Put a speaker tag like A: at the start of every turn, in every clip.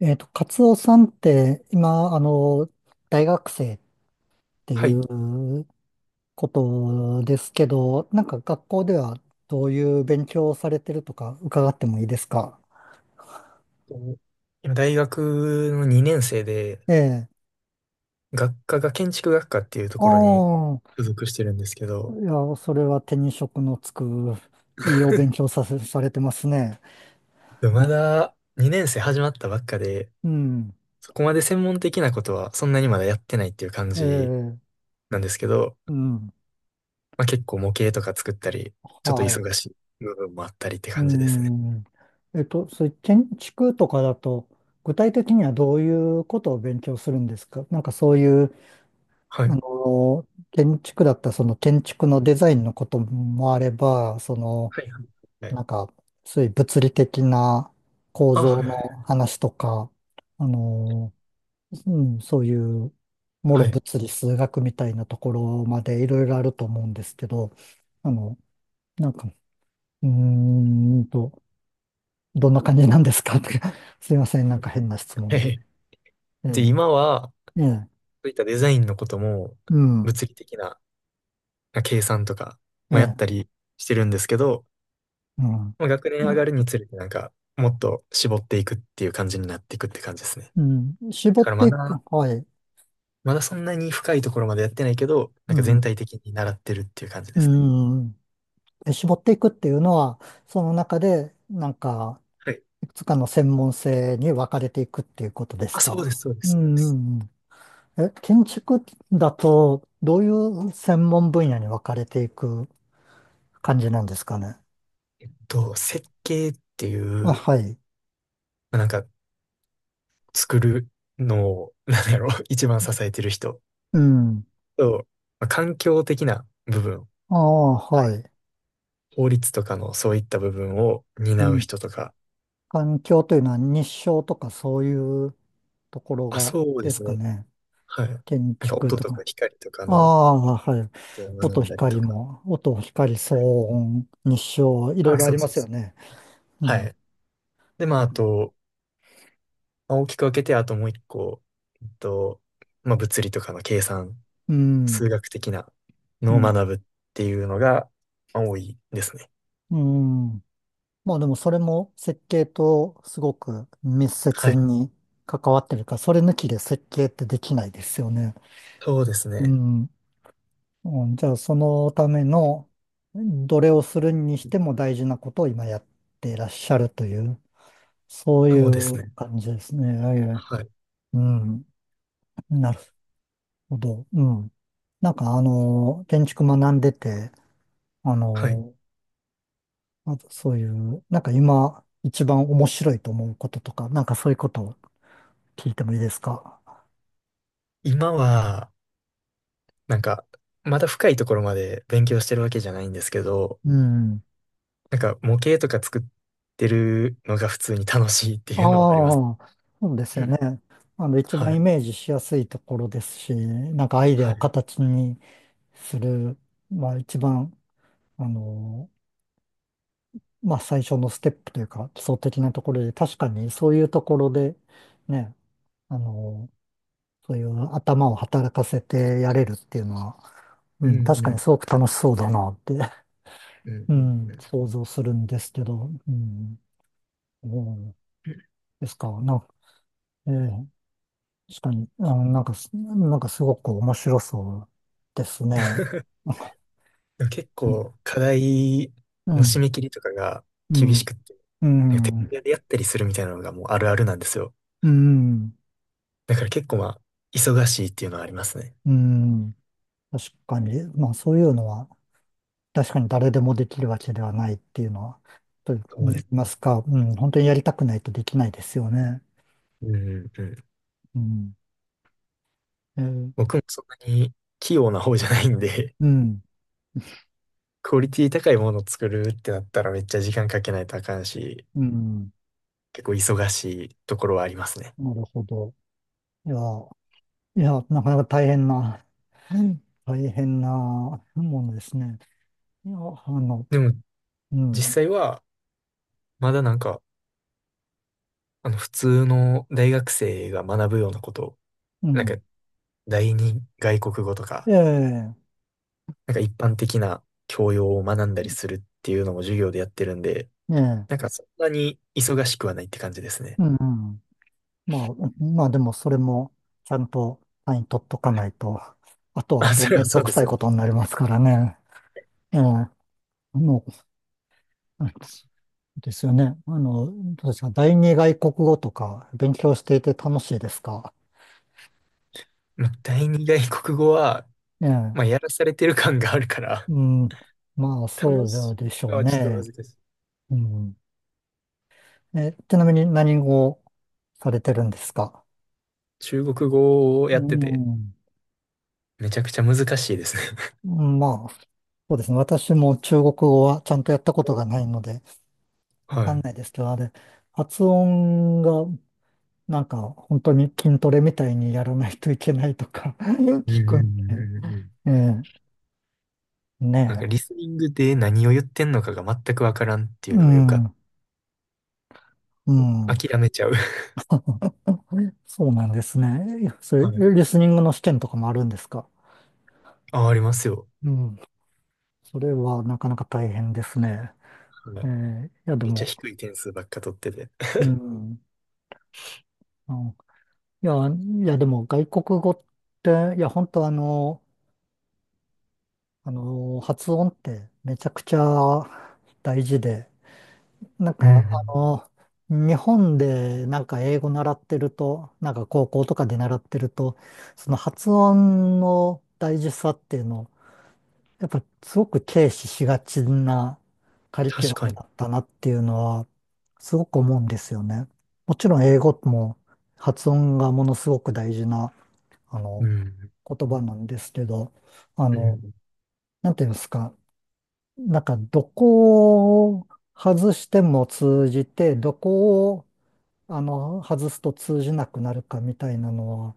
A: カツオさんって、今、大学生ってい
B: はい。
A: うことですけど、なんか学校ではどういう勉強をされてるとか伺ってもいいですか？
B: 今、大学の2年生で、
A: ええ。
B: 学科が建築学科っていうところに
A: ああ、
B: 所属してるんですけ
A: い
B: ど、
A: や、それは手に職のつく、いいお勉強 されてますね。
B: でもまだ2年生始まったばっかで、
A: うん。
B: そこまで専門的なことはそんなにまだやってないっていう感
A: え
B: じ
A: え、
B: なんですけど、
A: うん。
B: まあ、結構模型とか作ったり、ちょっと
A: はい。
B: 忙しい部分もあったりって
A: う
B: 感じですね。
A: ん。そういう建築とかだと、具体的にはどういうことを勉強するんですか？なんかそういう
B: は
A: あ
B: い。
A: の、建築だったらその建築のデザインのこともあれば、
B: はいはいはい。
A: なんか、そういう物理的な構
B: あ、
A: 造
B: はいは
A: の話とか、あの、
B: い。
A: うん、そういう、も
B: は
A: ろ
B: い。
A: 物理数学みたいなところまでいろいろあると思うんですけど、あの、なんか、うーんと、どんな感じなんですかって すいません、なんか変な質
B: は
A: 問で。
B: い。
A: え
B: で、
A: え、
B: 今は、そ
A: ええ、
B: ういったデザインのことも、
A: うん、
B: 物理的なまあ計算とか
A: え
B: もや
A: え、
B: ったりしてるんですけど、
A: うん。
B: まあ、学年上がるにつれてなんか、もっと絞っていくっていう感じになっていくって感じですね。
A: うん、絞
B: だか
A: っ
B: らま
A: ていく、
B: だ、
A: はい。
B: まだそんなに深いところまでやってないけど、な
A: う
B: んか全
A: ん、
B: 体的に習ってるっていう感じで
A: う
B: すね。
A: ん。で絞っていくっていうのは、その中で、なんか、
B: はい。
A: いくつかの専門性に分かれていくっていうことです
B: あ、そうで
A: か？
B: す、そうで
A: う
B: す。
A: ん、
B: そうで
A: う
B: す。
A: んうんえ、建築だと、どういう専門分野に分かれていく感じなんですかね？
B: と、設計ってい
A: あ、
B: う、
A: はい。
B: まあ、なんか作るのを、なんだろう、一番支えてる人
A: うん。
B: と、まあ、環境的な部分、
A: ああ、はい。
B: 法律とかのそういった部分を
A: う
B: 担う
A: ん。
B: 人とか、
A: 環境というのは日照とかそういうところ
B: あ、
A: が
B: そうで
A: です
B: す
A: か
B: ね。
A: ね？
B: はい。な
A: 建
B: んか
A: 築
B: 音
A: と
B: とか
A: か。
B: 光とか
A: あ
B: のこ
A: あ、はい。
B: とを学
A: 音、
B: んだりと
A: 光
B: か。
A: も、音、光、騒音、日照、いろい
B: あ、
A: ろあ
B: そ
A: り
B: う
A: ま
B: そう
A: すよ
B: そう。
A: ね。う
B: は
A: ん。
B: い。で、まあ、あと、まあ、大きく分けて、あともう一個、えっと、まあ、物理とかの計算、
A: うん。
B: 数学的な
A: う
B: のを
A: ん。
B: 学ぶっていうのが、まあ多いですね。
A: うん。まあでもそれも設計とすごく密
B: は
A: 接
B: い。
A: に関わってるから、それ抜きで設計ってできないですよね。
B: そうです
A: う
B: ね。
A: ん。うんじゃあそのための、どれをするにしても大事なことを今やっていらっしゃるという、そう
B: そうで
A: い
B: す
A: う
B: ね。
A: 感じですね。はいはい
B: はい。
A: うん。なるほど。うん。なんか建築学んでて、あ
B: はい。
A: の、あとそういう、なんか今一番面白いと思うこととか、なんかそういうことを聞いてもいいですか？
B: 今は、なんか、まだ深いところまで勉強してるわけじゃないんですけど、
A: うん。
B: なんか模型とか作ってるのが普通に楽しいって
A: あ
B: いうのはあります。
A: あ、そうです
B: う
A: よ
B: ん。
A: ね。一
B: は
A: 番イ
B: い。
A: メージしやすいところですし、なんかアイデア
B: は
A: を
B: い。
A: 形にする、まあ一番、あの、まあ最初のステップというか、基礎的なところで、確かにそういうところで、ね、あのそういう頭を働かせてやれるっていうのは、う
B: う
A: ん、確
B: んう
A: かに
B: ん
A: すごく楽しそうだなって、
B: うんう
A: う
B: ん
A: ん、
B: うん。
A: 想像するんですけど、うん、そうですか、ええ確かに、あ、なんかす、なんかすごく面白そうですね。
B: でも結構 課題
A: う
B: の締
A: ん、
B: め切りとかが
A: う
B: 厳し
A: ん、
B: くって、
A: う
B: なんか徹
A: ん、
B: 夜でやったりするみたいなのがもうあるあるなんですよ。
A: うん、
B: だから結構まあ、忙しいっていうのはありますね。
A: うん、確かに、まあそういうのは、確かに誰でもできるわけではないっていうのは、と
B: そう
A: 言
B: で
A: い
B: す
A: ま
B: ね。
A: すか、うん、本当にやりたくないとできないですよね。
B: うんうんうん。
A: うんえー
B: 僕もそんなに器用な方じゃないんで、
A: うん、
B: クオリティ高いものを作るってなったらめっちゃ時間かけないとあかんし、
A: うん、
B: 結構忙しいところはありますね。
A: なるほど。いや、いや、なかなか大変な、うん大変なものですね。いや、
B: でも
A: う
B: 実
A: ん、
B: 際はまだなんか、あの普通の大学生が学ぶようなこと
A: う
B: なんか、
A: ん、
B: 第二外国語と
A: え
B: か、
A: え、
B: なんか一般的な教養を学んだりするっていうのも授業でやってるんで、
A: ええ、
B: なんかそんなに忙しくはないって感じですね。
A: うん、うんまあ、まあでもそれもちゃんと単位取っとか
B: は
A: な
B: い。
A: いと、あとはあ
B: あ、
A: と
B: それ
A: め
B: は
A: ん
B: そ
A: ど
B: う
A: く
B: で
A: さい
B: すね。
A: ことになりますからね。ええ、の、ですよね。どうですか、第二外国語とか勉強していて楽しいですか？
B: まあ第二外国語は、
A: え
B: まあ、
A: え
B: やらされてる感があるから、
A: うん。まあ、
B: 楽
A: そ
B: し
A: うで
B: い
A: しょ
B: か
A: う
B: はちょっと
A: ね。
B: 難しい。
A: うん。え、ちなみに何をされてるんですか？
B: 中国語を
A: う
B: やってて、
A: ん。
B: めちゃくちゃ難しいですね。
A: まあ、そうですね。私も中国語はちゃんとやったこと
B: お、
A: がないので、わ
B: は
A: かん
B: い。
A: ないですけど、あれ、発音が、なんか、本当に筋トレみたいにやらないといけないとか
B: うん
A: 聞
B: うん
A: くん
B: う
A: で、
B: んうんうん。
A: ええ、
B: なん
A: ね
B: か
A: え。
B: リスニングで何を言ってんのかが全くわからんっていう
A: う
B: のがよく、
A: ん、う
B: あ、
A: ん。
B: 諦めちゃう。
A: そうなんですね。そ
B: は
A: う
B: い。
A: リスニングの試験とかもあるんですか？
B: あ、ありますよ。
A: うん。それはなかなか大変ですね。
B: はい。
A: いや、で
B: めっちゃ
A: も、
B: 低い点数ばっか取ってて。
A: うん、あのいや、いや、でも外国語って、いや、本当発音ってめちゃくちゃ大事で、なん
B: う
A: か、
B: ん。
A: 日本でなんか英語習ってると、なんか高校とかで習ってると、その発音の大事さっていうのをやっぱすごく軽視しがちなカリキュ
B: 確
A: ラ
B: か
A: ム
B: に。
A: だったなっていうのはすごく思うんですよね。もちろん英語も発音がものすごく大事なあ
B: う
A: の
B: ん。
A: 言葉なんですけど、あ
B: う
A: の、
B: ん。
A: なんていうんですか、なんかどこを外しても通じて、どこを外すと通じなくなるかみたいなのは、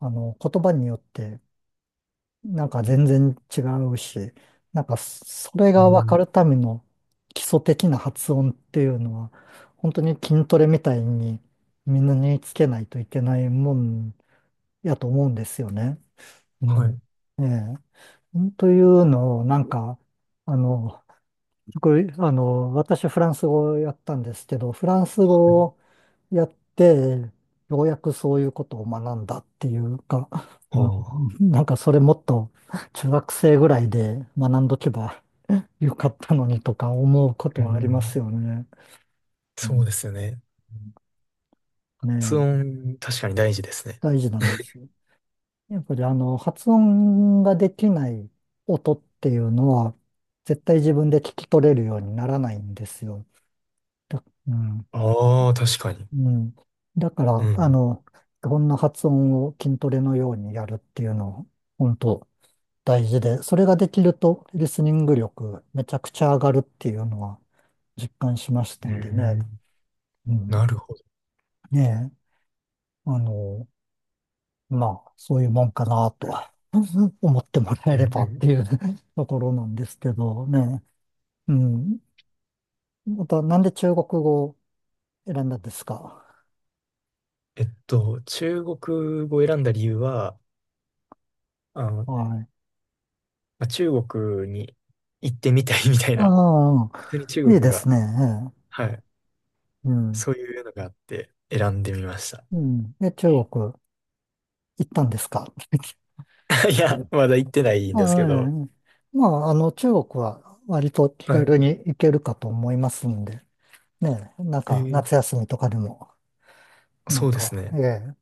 A: あの言葉によってなんか全然違うし、なんかそそれ
B: う
A: が分か
B: ん。
A: るための基礎的な発音っていうのは、本当に筋トレみたいにみんな身につけないといけないもんやと思うんですよね。う
B: は
A: ん。
B: い。
A: ええ。というのを、なんか、あの、僕あの、私フランス語をやったんですけど、フランス
B: は
A: 語を
B: い。
A: やって、ようやくそういうことを学んだっていうか、
B: あ
A: うん、
B: あ。
A: なんかそれもっと中学生ぐらいで学んどけばよかったのにとか思うこ
B: う
A: とはあります
B: ん。
A: よね。う
B: そ
A: ん
B: うですよね。
A: ね
B: 発
A: え、
B: 音、確かに大事ですね。
A: 大事なんですよ。やっぱり発音ができない音っていうのは、絶対自分で聞き取れるようにならないんですよ。うん。
B: ああ、確かに。
A: うん。だか
B: う
A: ら、
B: ん。
A: こんな発音を筋トレのようにやるっていうのを、本当大事で、それができるとリスニング力めちゃくちゃ上がるっていうのは実感しました
B: う
A: んでね。
B: ん。
A: うん。
B: なるほど。
A: ねえ、あの、まあ、そういうもんかなと 思ってもら
B: う
A: えれ
B: ん。
A: ば
B: う
A: って
B: ん。
A: いう ところなんですけどね。うん。また、なんで中国語を選んだんですか？
B: 中国語を選んだ理由は、あの、
A: はい。
B: まあ中国に行ってみたいみたいな、
A: あ
B: 普通に
A: あ、
B: 中
A: いいで
B: 国
A: す
B: が、
A: ね。ええ
B: はい、
A: うん。
B: そういうのがあって選んでみました。
A: うん。で、中国行ったんですか？
B: いや、まだ行ってないんですけど、
A: はい。まあ、中国は割と気
B: はい。
A: 軽に行けるかと思いますんで、ね、なん
B: え
A: か
B: ー、
A: 夏休みとかでも、なん
B: そうです
A: か、え
B: ね。
A: え、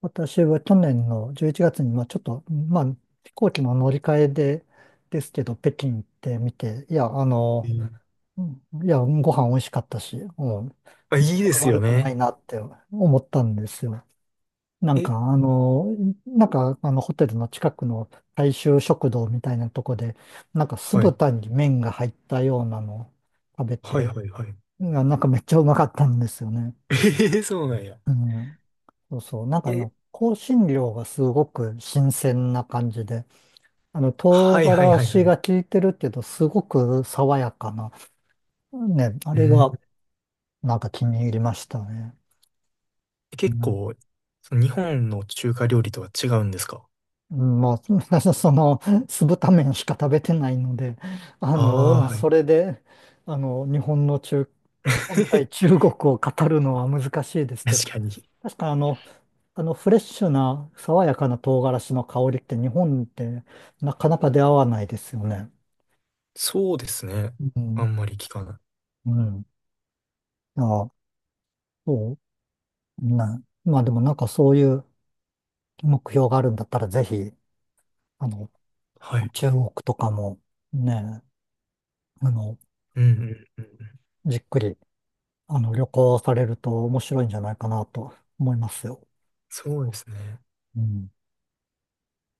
A: 私は去年の11月に、まあちょっと、まあ飛行機の乗り換えで、ですけど、北京行ってみて、いや、
B: えー、
A: うんいや、ご飯美味しかったし、うん、
B: あ、
A: な
B: い
A: か
B: い
A: な
B: で
A: か
B: すよ
A: 悪くない
B: ね。
A: なって思ったんですよ。なん
B: え、
A: か、ホテルの近くの大衆食堂みたいなとこで、なんか酢
B: はい。
A: 豚に麺が入ったようなのを食べ
B: はい
A: て、
B: はいはい。
A: んかめっちゃうまかったんですよね。
B: えー、そうなんや。
A: うん。そうそう。なんか
B: え、
A: 香辛料がすごく新鮮な感じで、
B: は
A: 唐
B: いはい
A: 辛
B: はいは
A: 子
B: い。
A: が効いてるけど、すごく爽やかな。ね、あ
B: う
A: れ
B: ん。
A: が、なんか気に入りましたね。
B: 結構、その日本の中華料理とは違うんですか？
A: うんまあ、酢豚麺しか食べてないので、あ
B: あ
A: の、
B: あー、はい。
A: それで、あの、日本の本対 中国を語るのは難しいですけど、
B: 確かに。
A: 確かフレッシュな、爽やかな唐辛子の香りって日本ってなかなか出会わないですよね。
B: そうですね。
A: う
B: あ
A: ん、
B: んまり聞かない。
A: うん。あ、そう、ね。まあでもなんかそういう目標があるんだったら、ぜひ、あの、
B: はい。
A: 中国とかも、ね、あの、
B: うんうんうんうん。
A: じっくり、旅行されると面白いんじゃないかなと思いますよ。
B: そうですね。
A: うん。